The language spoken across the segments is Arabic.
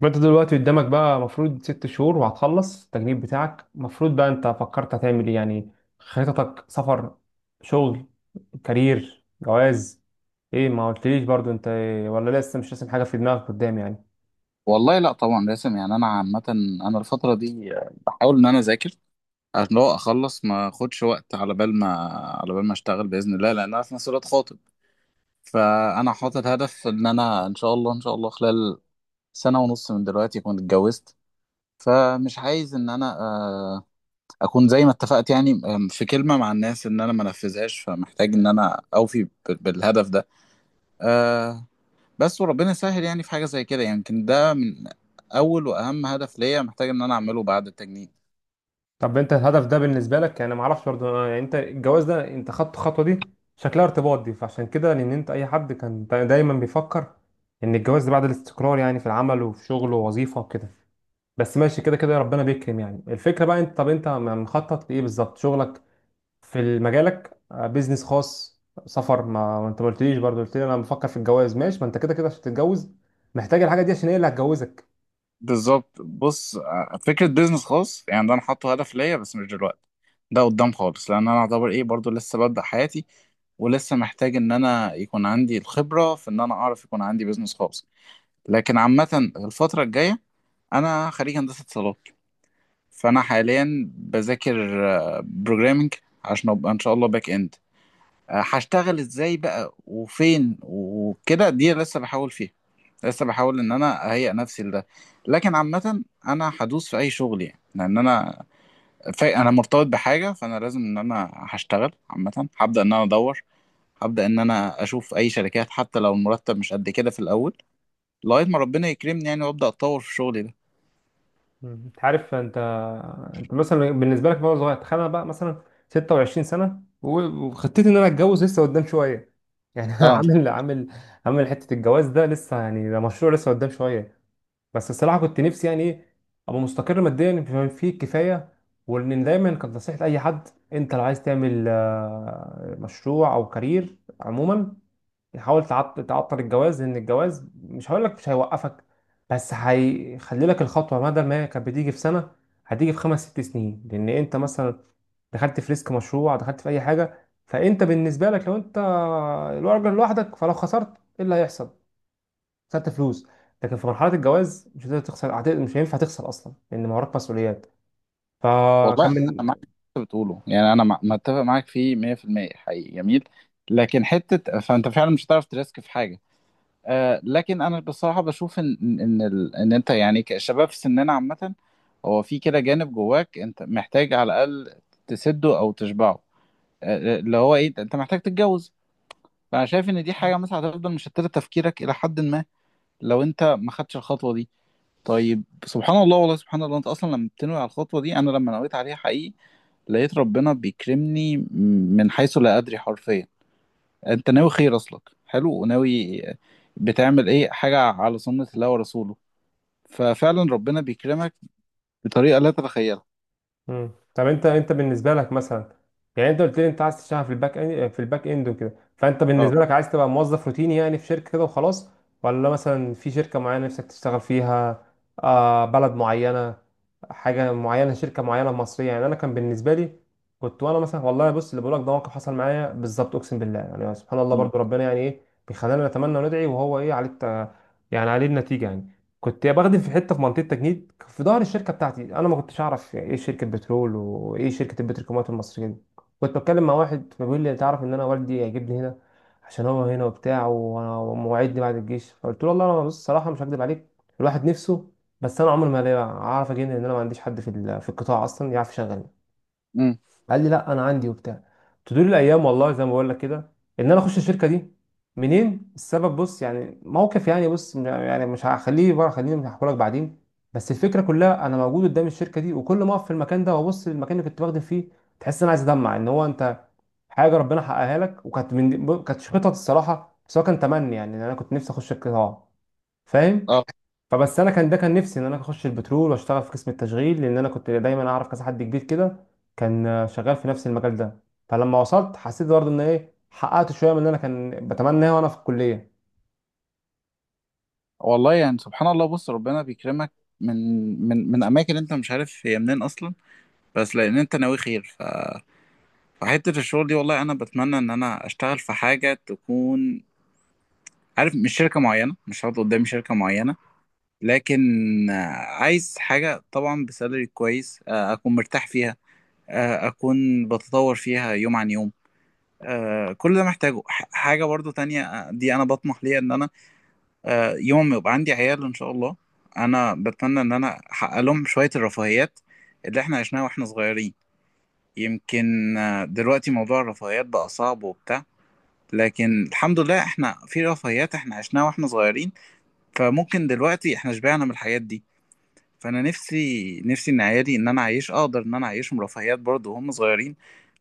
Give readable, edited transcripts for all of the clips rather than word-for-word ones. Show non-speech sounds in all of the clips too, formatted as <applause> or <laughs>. ما انت دلوقتي قدامك بقى مفروض ست شهور وهتخلص التجنيد بتاعك، مفروض بقى انت فكرت هتعمل ايه يعني؟ خططك سفر، شغل، كارير، جواز؟ ايه، ما قلتليش برضو انت ايه، ولا لسه مش راسم حاجة في دماغك قدام يعني؟ والله لا، طبعا لازم. يعني انا عامه، انا الفتره دي بحاول ان انا اذاكر عشان لو اخلص ما اخدش وقت على بال ما اشتغل باذن الله، لان انا في نفس الوقت خاطب. فانا حاطط هدف ان انا ان شاء الله ان شاء الله خلال سنه ونص من دلوقتي اكون اتجوزت. فمش عايز ان انا اكون زي ما اتفقت، يعني في كلمه مع الناس ان انا ما انفذهاش، فمحتاج ان انا اوفي بالهدف ده. آه، بس وربنا يسهل. يعني في حاجة زي كده يمكن ده من أول وأهم هدف ليا محتاج إن أنا أعمله بعد التجنيد. طب انت الهدف ده بالنسبة لك، يعني ما اعرفش برضو، يعني انت الجواز ده، انت خدت الخطوة دي شكلها ارتباط، دي فعشان كده. لان انت اي حد كان دايما بيفكر ان الجواز ده بعد الاستقرار، يعني في العمل وفي شغل ووظيفة وكده. بس ماشي، كده كده ربنا بيكرم. يعني الفكرة بقى انت، طب انت مخطط لإيه بالظبط؟ شغلك في مجالك، بيزنس خاص، سفر؟ ما انت ما قلتليش برضه، قلت لي انا بفكر في الجواز. ماشي، ما انت كده كده عشان تتجوز محتاج الحاجة دي، عشان هي اللي هتجوزك. بالظبط. بص فكرة بيزنس خاص، يعني ده أنا حاطه هدف ليا بس مش دلوقتي، ده قدام خالص، لأن أنا أعتبر إيه برضو لسه ببدأ حياتي، ولسه محتاج إن أنا يكون عندي الخبرة في إن أنا أعرف يكون عندي بيزنس خاص. لكن عامة الفترة الجاية، أنا خريج هندسة اتصالات، فأنا حاليا بذاكر بروجرامنج عشان أبقى إن شاء الله باك إند. هشتغل ازاي بقى وفين وكده دي لسه بحاول فيها، لسه بحاول ان انا اهيئ نفسي لده. لكن عامة انا هدوس في اي شغل، يعني لان انا انا مرتبط بحاجة، فانا لازم ان انا هشتغل. عامة هبدأ ان انا ادور، هبدأ ان انا اشوف اي شركات حتى لو المرتب مش قد كده في الاول، لغاية ما ربنا يكرمني يعني وابدأ اتطور في شغلي ده. انت عارف، انت مثلا بالنسبة لك بقى صغير، تخيل انا بقى مثلا 26 سنة وخطتي ان انا اتجوز لسه قدام شوية يعني. <laughs> انا اه. عامل حتة الجواز ده لسه، يعني ده مشروع لسه قدام شوية. بس الصراحه كنت نفسي يعني ايه، ابقى مستقر ماديا بما فيه الكفايه. وان دايما كانت نصيحه اي حد، انت لو عايز تعمل مشروع او كارير عموما، حاول تعطل الجواز. لان الجواز مش هقول لك مش هيوقفك، بس هيخلي لك الخطوه، بدل ما هي كانت بتيجي في سنه، هتيجي في خمس ست سنين. لان انت مثلا دخلت في ريسك مشروع، دخلت في اي حاجه، فانت بالنسبه لك لو انت الراجل لوحدك، فلو خسرت ايه اللي هيحصل؟ خدت فلوس. لكن في مرحله الجواز مش هتقدر تخسر، مش هينفع تخسر اصلا لان ما وراك مسؤوليات. والله فكان انا من. معاك في اللي انت بتقوله، يعني انا متفق معاك فيه 100% حقيقي جميل. لكن حتة فانت فعلا مش هتعرف تريسك في حاجة. لكن انا بصراحه بشوف ان إن انت يعني كشباب في سننا عامه، هو في كده جانب جواك انت محتاج على الاقل تسده او تشبعه. اللي هو ايه، انت محتاج تتجوز. فانا شايف ان دي حاجه مثلا هتفضل مشتته تفكيرك الى حد ما لو انت ما خدتش الخطوه دي. طيب، سبحان الله. والله سبحان الله، انت اصلا لما بتنوي على الخطوه دي، انا لما نويت عليها حقيقي لقيت ربنا بيكرمني من حيث لا ادري حرفيا. انت ناوي خير، اصلك حلو وناوي، بتعمل ايه حاجه على سنه الله ورسوله، ففعلا ربنا بيكرمك بطريقه لا تتخيلها. طب انت بالنسبه لك مثلا، يعني انت قلت لي انت عايز تشتغل في الباك اند وكده، فانت اه. بالنسبه لك عايز تبقى موظف روتيني يعني في شركه كده وخلاص؟ ولا مثلا في شركه معينه نفسك تشتغل فيها؟ بلد معينه، حاجه معينه، شركه معينه مصريه، يعني انا كان بالنسبه لي، كنت وانا مثلا، والله بص اللي بقولك ده موقف حصل معايا بالظبط، اقسم بالله. يعني سبحان الله، امم. برضو ربنا يعني ايه، بيخلينا نتمنى وندعي، وهو ايه عليه يعني عليه النتيجه يعني. كنت يا بخدم في حته، في منطقه تجنيد في ظهر الشركه بتاعتي. انا ما كنتش اعرف ايه شركه بترول وايه شركه البتروكيماويات المصريه دي. كنت بتكلم مع واحد فبيقول لي تعرف ان انا والدي هيجيبني هنا؟ عشان هو هنا وبتاع ومواعيدني بعد الجيش. فقلت له والله انا، بص الصراحه مش هكدب عليك، الواحد نفسه، بس انا عمري ما اعرف اجي هنا، لان انا ما عنديش حد في في القطاع اصلا يعرف يشغلني. امم. قال لي لا انا عندي وبتاع. تدور الايام، والله زي ما بقول لك كده، ان انا اخش الشركه دي، منين؟ السبب، بص يعني موقف، يعني بص يعني مش هخليه بره، خليني مش هحكي لك بعدين. بس الفكره كلها، انا موجود قدام الشركه دي، وكل ما اقف في المكان ده وابص للمكان اللي كنت بخدم فيه، تحس ان انا عايز ادمع، ان هو انت حاجه ربنا حققها لك، وكانت من كانت خطط الصراحه، بس هو كان تمني، يعني ان انا كنت نفسي اخش القطاع، فاهم؟ اه. فبس انا كان، ده كان نفسي ان انا اخش البترول واشتغل في قسم التشغيل، لان انا كنت دايما اعرف كذا حد كبير كده كان شغال في نفس المجال ده. فلما وصلت حسيت برضه ان ايه، حققت شويه من اللي انا كان بتمناه وانا في الكليه. والله يعني سبحان الله، بص ربنا بيكرمك من من اماكن انت مش عارف هي منين اصلا، بس لان انت ناوي خير. فحته الشغل دي والله انا بتمنى ان انا اشتغل في حاجه تكون، عارف، مش شركه معينه، مش هقعد قدامي شركه معينه، لكن آه، عايز حاجه طبعا بسالري كويس، اكون مرتاح فيها، اكون بتطور فيها يوم عن يوم. كل ده محتاجه حاجة برضو تانية. دي انا بطمح ليها ان انا، يوم ما يبقى عندي عيال ان شاء الله، انا بتمنى ان انا احقق لهم شوية الرفاهيات اللي احنا عشناها واحنا صغيرين. يمكن دلوقتي موضوع الرفاهيات بقى صعب وبتاع، لكن الحمد لله احنا في رفاهيات احنا عشناها واحنا صغيرين، فممكن دلوقتي احنا شبعنا من الحاجات دي. فانا نفسي نفسي ان عيالي، ان انا اعيش اقدر ان انا اعيشهم رفاهيات برضه وهم صغيرين،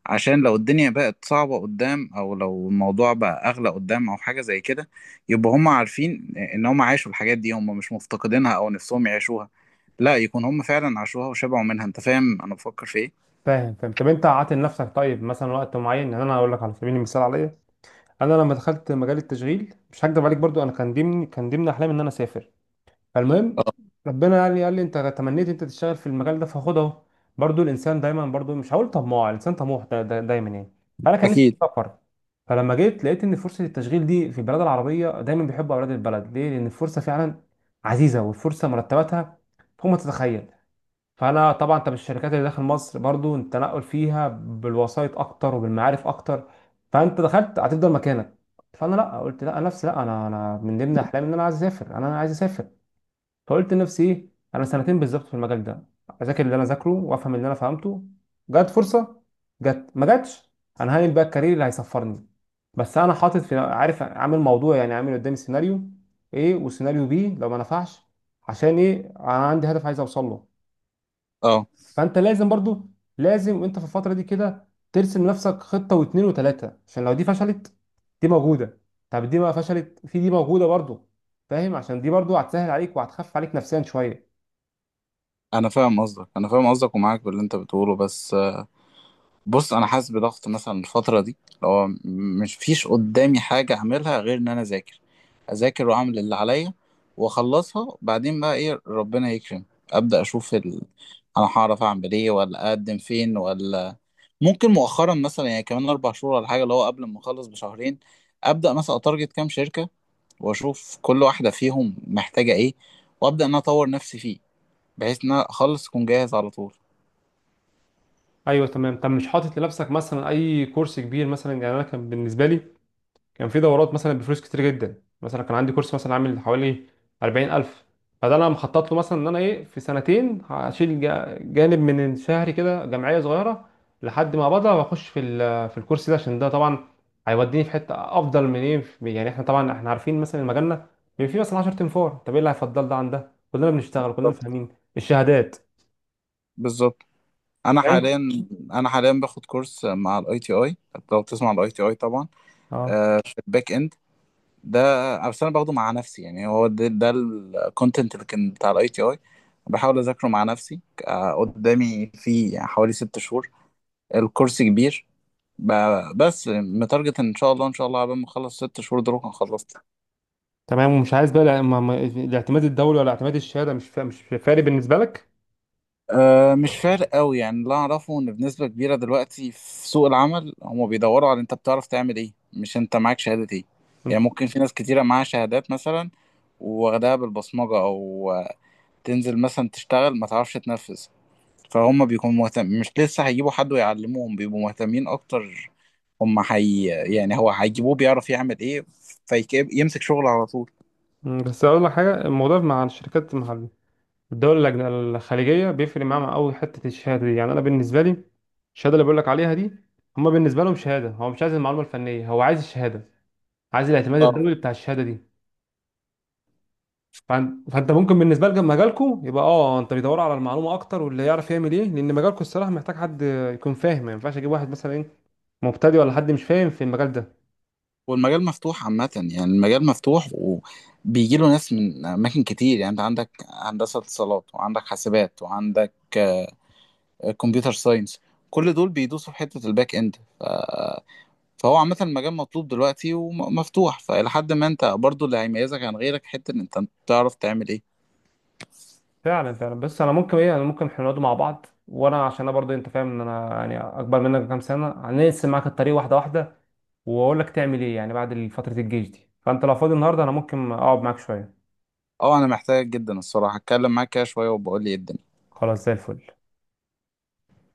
عشان لو الدنيا بقت صعبة قدام او لو الموضوع بقى اغلى قدام او حاجة زي كده، يبقى هم عارفين ان هم عاشوا الحاجات دي، هم مش مفتقدينها او نفسهم يعيشوها، لا، يكون هم فعلا عاشوها وشبعوا منها. انت فاهم انا بفكر في ايه؟ فاهم. طب انت عاطل لنفسك طيب مثلا وقت معين، يعني انا هقول لك على سبيل المثال عليا انا، لما دخلت مجال التشغيل مش هكدب عليك برضو، انا كان ضمن احلامي ان انا اسافر. فالمهم اه. ربنا يعني قال لي انت تمنيت انت تشتغل في المجال ده فخد اهو. برضو الانسان دايما، برضو مش هقول طماع، الانسان طموح، ده دايما يعني. فانا كان نفسي اكيد. اسافر، فلما جيت لقيت ان فرصه التشغيل دي في البلاد العربيه دايما بيحبوا اولاد البلد، ليه؟ لان الفرصه فعلا عزيزه، والفرصه مرتباتها فوق ما تتخيل. فانا طبعا، انت بالشركات اللي داخل مصر برضو التنقل فيها بالوسائط اكتر وبالمعارف اكتر، فانت دخلت هتفضل مكانك. فانا لا، قلت لا، نفسي لا انا من ضمن احلامي ان انا عايز اسافر، انا عايز اسافر. فقلت لنفسي ايه، انا سنتين بالظبط في المجال ده اذاكر اللي انا ذاكره وافهم اللي انا فهمته. جت فرصه، جت ما جاتش، انا هعمل بقى الكارير اللي هيصفرني. بس انا حاطط، في عارف، عامل موضوع، يعني عامل قدامي سيناريو ايه وسيناريو بي لو ما نفعش. عشان ايه؟ انا عندي هدف عايز اوصل له. اه. فانت لازم وانت في الفتره دي كده ترسم لنفسك خطه واتنين وتلاته، عشان لو دي فشلت دي موجوده. طب دي ما فشلت، في دي موجوده برضو. فاهم؟ عشان دي برضو هتسهل عليك وهتخفف عليك نفسيا شويه. انا فاهم قصدك، انا فاهم قصدك ومعاك باللي انت بتقوله، بس بص انا حاسس بضغط مثلا الفتره دي، اللي هو مش فيش قدامي حاجه اعملها غير ان انا اذاكر، اذاكر واعمل اللي عليا واخلصها، بعدين بقى ايه، ربنا يكرم، ابدا اشوف انا هعرف اعمل ايه ولا اقدم فين. ولا ممكن مؤخرا مثلا يعني كمان 4 شهور ولا حاجه، اللي هو قبل ما اخلص بشهرين ابدا مثلا اتارجت كام شركه، واشوف كل واحده فيهم محتاجه ايه، وابدا ان أنا اطور نفسي فيه بحيث ان انا اخلص اكون جاهز على طول. ايوه تمام. طب مش حاطط لنفسك مثلا اي كورس كبير مثلا؟ يعني انا كان بالنسبه لي كان في دورات مثلا بفلوس كتير جدا، مثلا كان عندي كورس مثلا عامل حوالي 40000. فده انا مخطط له مثلا ان انا ايه، في سنتين هشيل جانب من شهري كده جمعيه صغيره لحد ما بقدر، واخش في في الكورس ده، عشان ده طبعا هيوديني في حته افضل من ايه يعني احنا طبعا عارفين مثلا مجالنا بيبقى فيه مثلا 10 تنفار، طب ايه اللي هيفضل ده عن ده؟ كلنا بنشتغل، كلنا بالظبط، فاهمين. الشهادات. بالظبط. انا فاهم؟ حاليا انا حاليا باخد كورس مع الاي تي اي. لو بتسمع الاي تي اي طبعا. اه في الباك اند ده، بس انا باخده مع نفسي. يعني هو ده الكونتنت اللي كان بتاع الاي تي اي، بحاول اذاكره مع نفسي. قدامي في حوالي 6 شهور، الكورس كبير، بس متارجت ان شاء الله ان شاء الله قبل ما اخلص 6 شهور دول هكون خلصت. تمام. ومش عايز بقى الاعتماد الدولي، ولا اعتماد الشهاده مش فارق بالنسبه لك؟ أه، مش فارق قوي. يعني اللي اعرفه ان بنسبه كبيره دلوقتي في سوق العمل هم بيدوروا على انت بتعرف تعمل ايه مش انت معاك شهاده ايه. يعني ممكن في ناس كتيره معاها شهادات مثلا واخدها بالبصمجه او تنزل مثلا تشتغل ما تعرفش تنفذ، فهم بيكونوا مهتم مش، لسه هيجيبوا حد ويعلموهم، بيبقوا مهتمين اكتر، هم حي، يعني هو هيجيبوه بيعرف يعمل ايه فيمسك شغل على طول. بس اقول لك حاجه، الموضوع مع الشركات، مع الدول الخليجيه بيفرق معاهم قوي حته الشهاده دي. يعني انا بالنسبه لي الشهاده اللي بقول لك عليها دي، هما بالنسبه لهم شهاده، هو مش عايز المعلومه الفنيه، هو عايز الشهاده، عايز الاعتماد اه. الدولي بتاع الشهاده دي. فانت ممكن بالنسبه لك مجالكم يبقى، انت بيدوروا على المعلومه اكتر واللي يعرف يعمل ايه، لان مجالكم الصراحه محتاج حد يكون فاهم. ما ينفعش اجيب واحد مثلا ايه، مبتدئ، ولا حد مش فاهم في المجال ده. والمجال مفتوح عامة، يعني المجال مفتوح وبيجي له ناس من أماكن كتير، يعني أنت عندك هندسة اتصالات وعندك حاسبات وعندك كمبيوتر ساينس، كل دول بيدوسوا في حتة الباك إند. فهو عامة المجال مطلوب دلوقتي ومفتوح، فإلى حد ما أنت برضو اللي هيميزك عن غيرك حتة إن أنت بتعرف تعمل إيه. فعلا فعلا. بس انا ممكن احنا نقعد مع بعض، وانا عشان انا برضه انت فاهم ان انا يعني اكبر منك بكام سنه، هنقسم معاك الطريق واحده واحده واقول لك تعمل ايه يعني بعد فتره الجيش دي. فانت لو فاضي النهارده انا ممكن اقعد معاك شويه. أه، أنا محتاجك جدا الصراحة، أتكلم معاك كده شوية وبقول لي إيه الدنيا. خلاص، زي الفل.